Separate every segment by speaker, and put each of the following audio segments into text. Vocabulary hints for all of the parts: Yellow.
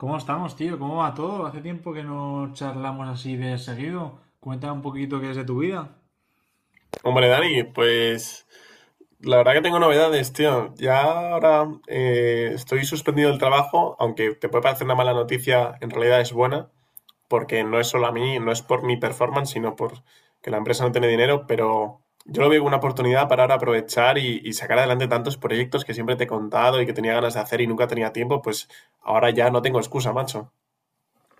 Speaker 1: ¿Cómo estamos, tío? ¿Cómo va todo? Hace tiempo que no charlamos así de seguido. Cuéntame un poquito qué es de tu vida.
Speaker 2: Hombre, Dani, pues la verdad que tengo novedades, tío. Ya ahora estoy suspendido del trabajo, aunque te puede parecer una mala noticia, en realidad es buena, porque no es solo a mí, no es por mi performance, sino por que la empresa no tiene dinero, pero yo lo veo como una oportunidad para ahora aprovechar y sacar adelante tantos proyectos que siempre te he contado y que tenía ganas de hacer y nunca tenía tiempo, pues ahora ya no tengo excusa, macho.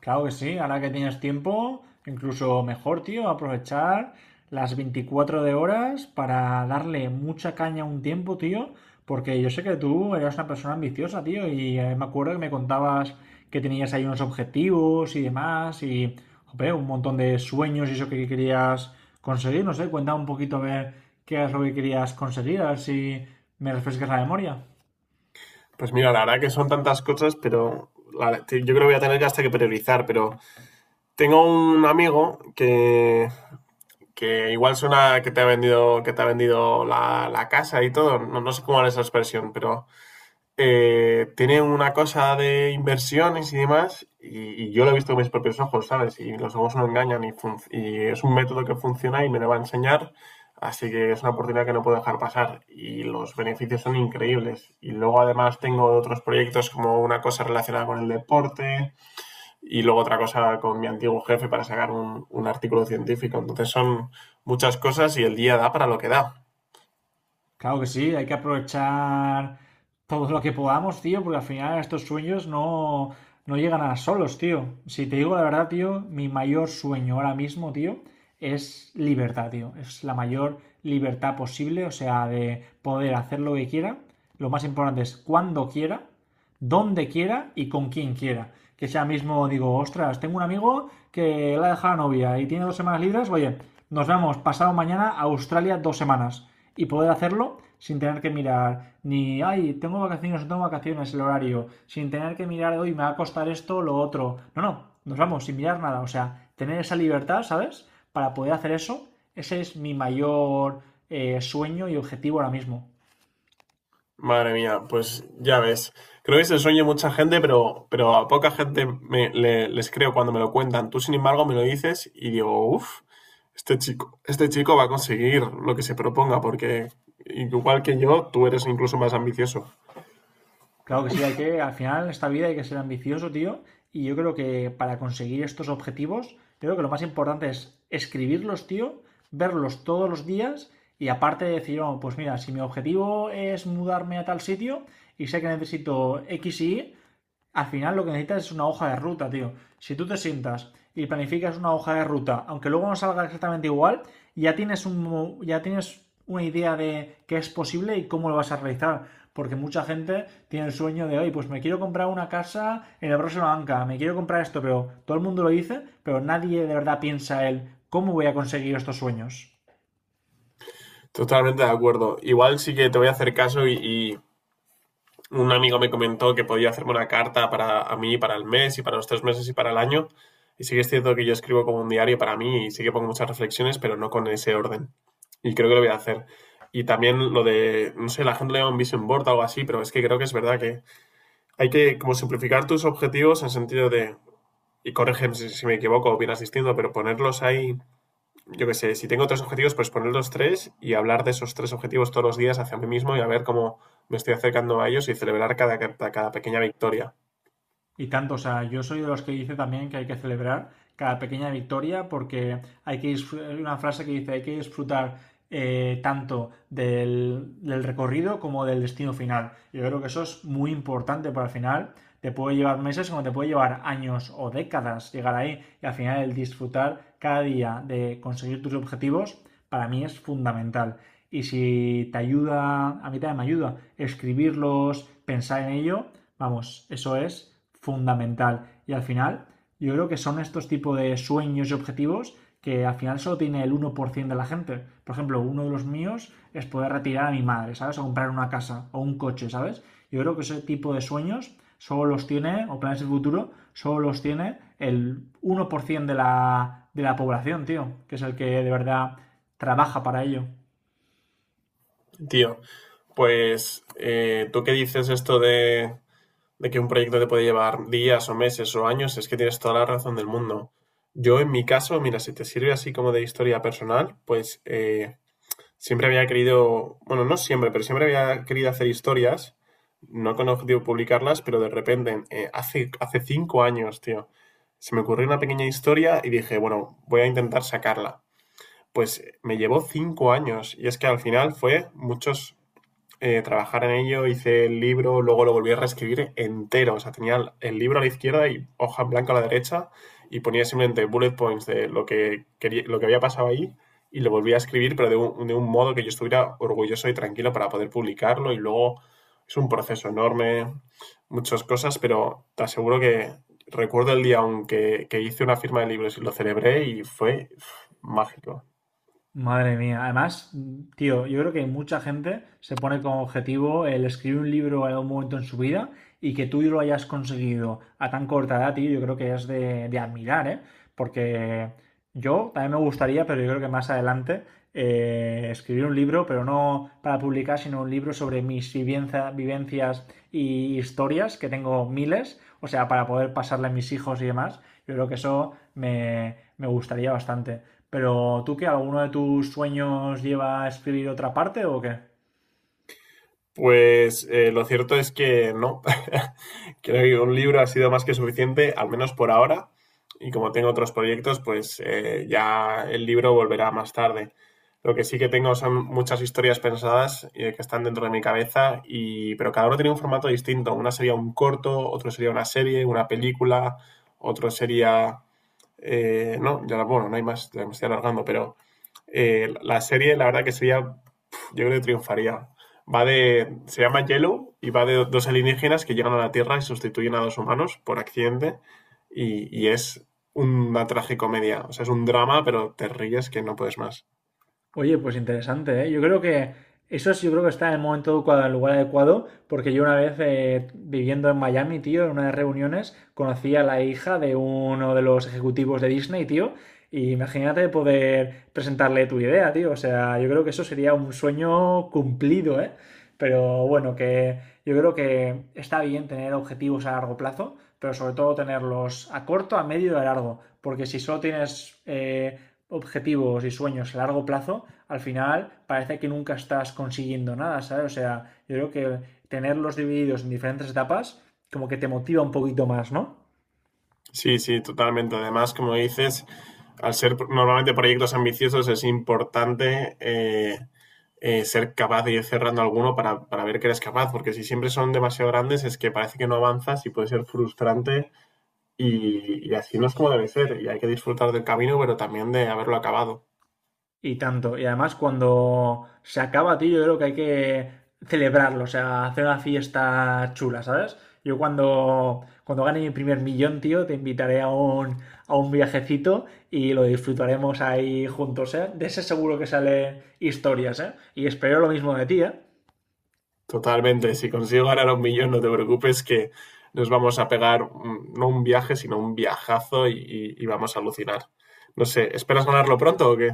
Speaker 1: Claro que sí, ahora que tienes tiempo, incluso mejor, tío, aprovechar las 24 de horas para darle mucha caña a un tiempo, tío, porque yo sé que tú eras una persona ambiciosa, tío, y me acuerdo que me contabas que tenías ahí unos objetivos y demás, y jope, un montón de sueños y eso que querías conseguir, no sé, cuenta un poquito a ver qué es lo que querías conseguir, a ver si me refrescas la memoria.
Speaker 2: Pues mira, la verdad que son tantas cosas, pero yo creo que voy a tener que hasta que priorizar, pero. Tengo un amigo que igual suena que te ha vendido la casa y todo. No, no sé cómo es esa expresión, pero tiene una cosa de inversiones y demás. Y yo lo he visto con mis propios ojos, ¿sabes? Y los ojos no engañan y es un método que funciona y me lo va a enseñar. Así que es una oportunidad que no puedo dejar pasar y los beneficios son increíbles. Y luego además tengo otros proyectos como una cosa relacionada con el deporte, y luego otra cosa con mi antiguo jefe para sacar un artículo científico. Entonces son muchas cosas y el día da para lo que da.
Speaker 1: Claro que sí, hay que aprovechar todo lo que podamos, tío, porque al final estos sueños no llegan a solos, tío. Si te digo la verdad, tío, mi mayor sueño ahora mismo, tío, es libertad, tío. Es la mayor libertad posible, o sea, de poder hacer lo que quiera. Lo más importante es cuando quiera donde quiera y con quien quiera. Que sea mismo, digo, ostras, tengo un amigo que la ha dejado la novia y tiene 2 semanas libres, oye, nos vamos pasado mañana a Australia 2 semanas y poder hacerlo sin tener que mirar ni, ay, tengo vacaciones, no tengo vacaciones, el horario, sin tener que mirar, hoy me va a costar esto, lo otro. No, no, nos vamos sin mirar nada, o sea, tener esa libertad, ¿sabes? Para poder hacer eso, ese es mi mayor sueño y objetivo ahora mismo.
Speaker 2: Madre mía, pues ya ves. Creo que es el sueño de mucha gente, pero a poca gente les creo cuando me lo cuentan. Tú, sin embargo, me lo dices y digo, uff, este chico va a conseguir lo que se proponga, porque igual que yo, tú eres incluso más ambicioso.
Speaker 1: Claro que sí, al final en esta vida hay que ser ambicioso, tío, y yo creo que para conseguir estos objetivos, creo que lo más importante es escribirlos, tío, verlos todos los días y aparte decir, "Oh, pues mira, si mi objetivo es mudarme a tal sitio y sé que necesito X y Y, al final lo que necesitas es una hoja de ruta, tío. Si tú te sientas y planificas una hoja de ruta, aunque luego no salga exactamente igual, ya tienes una idea de qué es posible y cómo lo vas a realizar. Porque mucha gente tiene el sueño de, oye, pues me quiero comprar una casa en el próximo banca, me quiero comprar esto, pero todo el mundo lo dice, pero nadie de verdad piensa él, ¿cómo voy a conseguir estos sueños?
Speaker 2: Totalmente de acuerdo. Igual sí que te voy a hacer caso y un amigo me comentó que podía hacerme una carta para a mí, para el mes y para los 3 meses y para el año. Y sí que es cierto que yo escribo como un diario para mí y sí que pongo muchas reflexiones, pero no con ese orden. Y creo que lo voy a hacer. Y también lo de, no sé, la gente le llama un vision board o algo así, pero es que creo que es verdad que hay que como simplificar tus objetivos en sentido de, y corrígeme si me equivoco o bien asistiendo, pero ponerlos ahí yo qué sé, si tengo tres objetivos, pues poner los tres y hablar de esos tres objetivos todos los días hacia mí mismo y a ver cómo me estoy acercando a ellos y celebrar cada pequeña victoria.
Speaker 1: Y tanto, o sea, yo soy de los que dice también que hay que celebrar cada pequeña victoria porque hay que hay una frase que dice hay que disfrutar tanto del recorrido como del destino final. Yo creo que eso es muy importante para el final. Te puede llevar meses como te puede llevar años o décadas llegar ahí y al final el disfrutar cada día de conseguir tus objetivos para mí es fundamental. Y si te ayuda, a mí también me ayuda, escribirlos, pensar en ello, vamos, eso es fundamental. Y al final, yo creo que son estos tipos de sueños y objetivos que al final solo tiene el 1% de la gente. Por ejemplo, uno de los míos es poder retirar a mi madre, ¿sabes? O comprar una casa o un coche, ¿sabes? Yo creo que ese tipo de sueños solo los tiene, o planes de futuro, solo los tiene el 1% de la población, tío, que es el que de verdad trabaja para ello.
Speaker 2: Tío, pues tú que dices esto de que un proyecto te puede llevar días o meses o años, es que tienes toda la razón del mundo. Yo en mi caso, mira, si te sirve así como de historia personal, pues Siempre había querido, bueno, no siempre, pero siempre había querido hacer historias, no con objetivo de publicarlas, pero de repente, hace 5 años, tío, se me ocurrió una pequeña historia y dije, bueno, voy a intentar sacarla. Pues me llevó 5 años y es que al final fue muchos, trabajar en ello, hice el libro, luego lo volví a reescribir entero. O sea, tenía el libro a la izquierda y hoja en blanco a la derecha y ponía simplemente bullet points de lo que, quería, lo que había pasado ahí y lo volví a escribir, pero de un modo que yo estuviera orgulloso y tranquilo para poder publicarlo y luego es un proceso enorme, muchas cosas, pero te aseguro que recuerdo el día aunque que hice una firma de libros y lo celebré y fue mágico.
Speaker 1: Madre mía, además, tío, yo creo que mucha gente se pone como objetivo el escribir un libro en algún momento en su vida y que tú lo hayas conseguido a tan corta edad, tío, yo creo que es de admirar, ¿eh? Porque yo también me gustaría, pero yo creo que más adelante, escribir un libro, pero no para publicar, sino un libro sobre mis vivencias y historias, que tengo miles, o sea, para poder pasarle a mis hijos y demás, yo creo que eso me gustaría bastante. Pero tú qué, ¿alguno de tus sueños lleva a escribir otra parte o qué?
Speaker 2: Pues lo cierto es que no. Creo que un libro ha sido más que suficiente, al menos por ahora. Y como tengo otros proyectos, pues ya el libro volverá más tarde. Lo que sí que tengo son muchas historias pensadas que están dentro de mi cabeza, y, pero cada uno tiene un formato distinto. Una sería un corto, otro sería una serie, una película, otro sería. No, ya bueno, no hay más, ya me estoy alargando, pero la serie la verdad que sería yo creo que triunfaría. Va de. Se llama Yellow y va de dos alienígenas que llegan a la Tierra y sustituyen a dos humanos por accidente. Y es una tragicomedia. O sea, es un drama, pero te ríes que no puedes más.
Speaker 1: Oye, pues interesante, ¿eh? Yo creo que eso sí, yo creo que está en el momento adecuado, en el lugar adecuado, porque yo una vez viviendo en Miami, tío, en una de las reuniones, conocí a la hija de uno de los ejecutivos de Disney, tío, y imagínate poder presentarle tu idea, tío. O sea, yo creo que eso sería un sueño cumplido, ¿eh? Pero bueno, que yo creo que está bien tener objetivos a largo plazo, pero sobre todo tenerlos a corto, a medio y a largo, porque si solo tienes objetivos y sueños a largo plazo, al final parece que nunca estás consiguiendo nada, ¿sabes? O sea, yo creo que tenerlos divididos en diferentes etapas como que te motiva un poquito más, ¿no?
Speaker 2: Sí, sí, totalmente. Además, como dices, al ser normalmente proyectos ambiciosos, es importante ser capaz de ir cerrando alguno para ver que eres capaz, porque si siempre son demasiado grandes, es que parece que no avanzas y puede ser frustrante. Y así no es como debe ser. Y hay que disfrutar del camino, pero también de haberlo acabado.
Speaker 1: Y tanto. Y además cuando se acaba, tío, yo creo que hay que celebrarlo, o sea, hacer una fiesta chula, ¿sabes? Yo cuando gane mi primer millón, tío, te invitaré a un viajecito y lo disfrutaremos ahí juntos, ¿eh? De ese seguro que sale historias, ¿eh? Y espero lo mismo de ti, ¿eh?
Speaker 2: Totalmente. Si consigo ganar un millón, no te preocupes que nos vamos a pegar no un viaje, sino un viajazo y vamos a alucinar. No sé, ¿esperas ganarlo pronto o qué?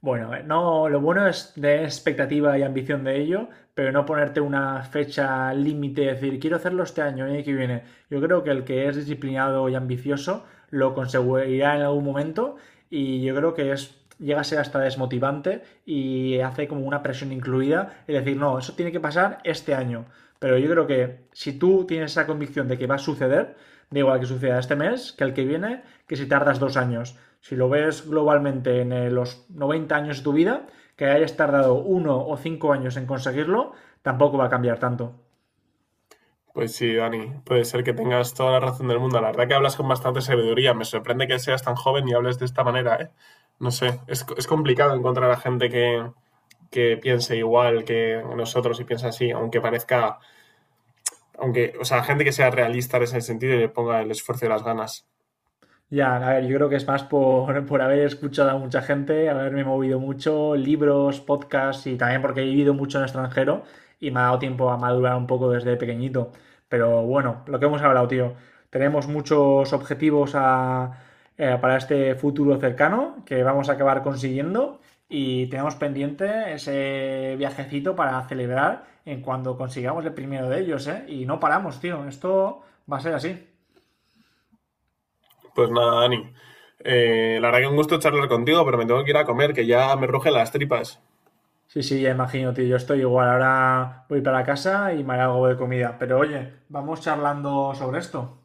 Speaker 1: Bueno, no, lo bueno es tener expectativa y ambición de ello, pero no ponerte una fecha límite, decir, quiero hacerlo este año, el año que viene. Yo creo que el que es disciplinado y ambicioso lo conseguirá en algún momento y yo creo que es llega a ser hasta desmotivante y hace como una presión incluida, es decir, no, eso tiene que pasar este año. Pero yo creo que si tú tienes esa convicción de que va a suceder, da igual que suceda este mes, que el que viene, que si tardas 2 años. Si lo ves globalmente en los 90 años de tu vida, que hayas tardado 1 o 5 años en conseguirlo, tampoco va a cambiar tanto.
Speaker 2: Pues sí, Dani, puede ser que tengas toda la razón del mundo. La verdad que hablas con bastante sabiduría. Me sorprende que seas tan joven y hables de esta manera, ¿eh? No sé, es complicado encontrar a gente que piense igual que nosotros y piensa así, aunque parezca. Aunque, o sea, gente que sea realista en ese sentido y le ponga el esfuerzo y las ganas.
Speaker 1: Ya, a ver, yo creo que es más por, por haber escuchado a mucha gente, haberme movido mucho, libros, podcasts y también porque he vivido mucho en el extranjero y me ha dado tiempo a madurar un poco desde pequeñito. Pero bueno, lo que hemos hablado, tío, tenemos muchos objetivos para este futuro cercano que vamos a acabar consiguiendo y tenemos pendiente ese viajecito para celebrar en cuando consigamos el primero de ellos, ¿eh? Y no paramos, tío, esto va a ser así.
Speaker 2: Pues nada, Dani. La verdad que un gusto charlar contigo, pero me tengo que ir a comer, que ya me rugen las tripas.
Speaker 1: Sí, sí, ya imagino, tío. Yo estoy igual. Ahora voy para casa y me haré algo de comida. Pero oye, vamos charlando sobre esto.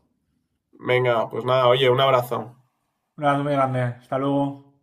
Speaker 2: Venga, pues nada, oye, un abrazo.
Speaker 1: Un abrazo muy grande. Hasta luego.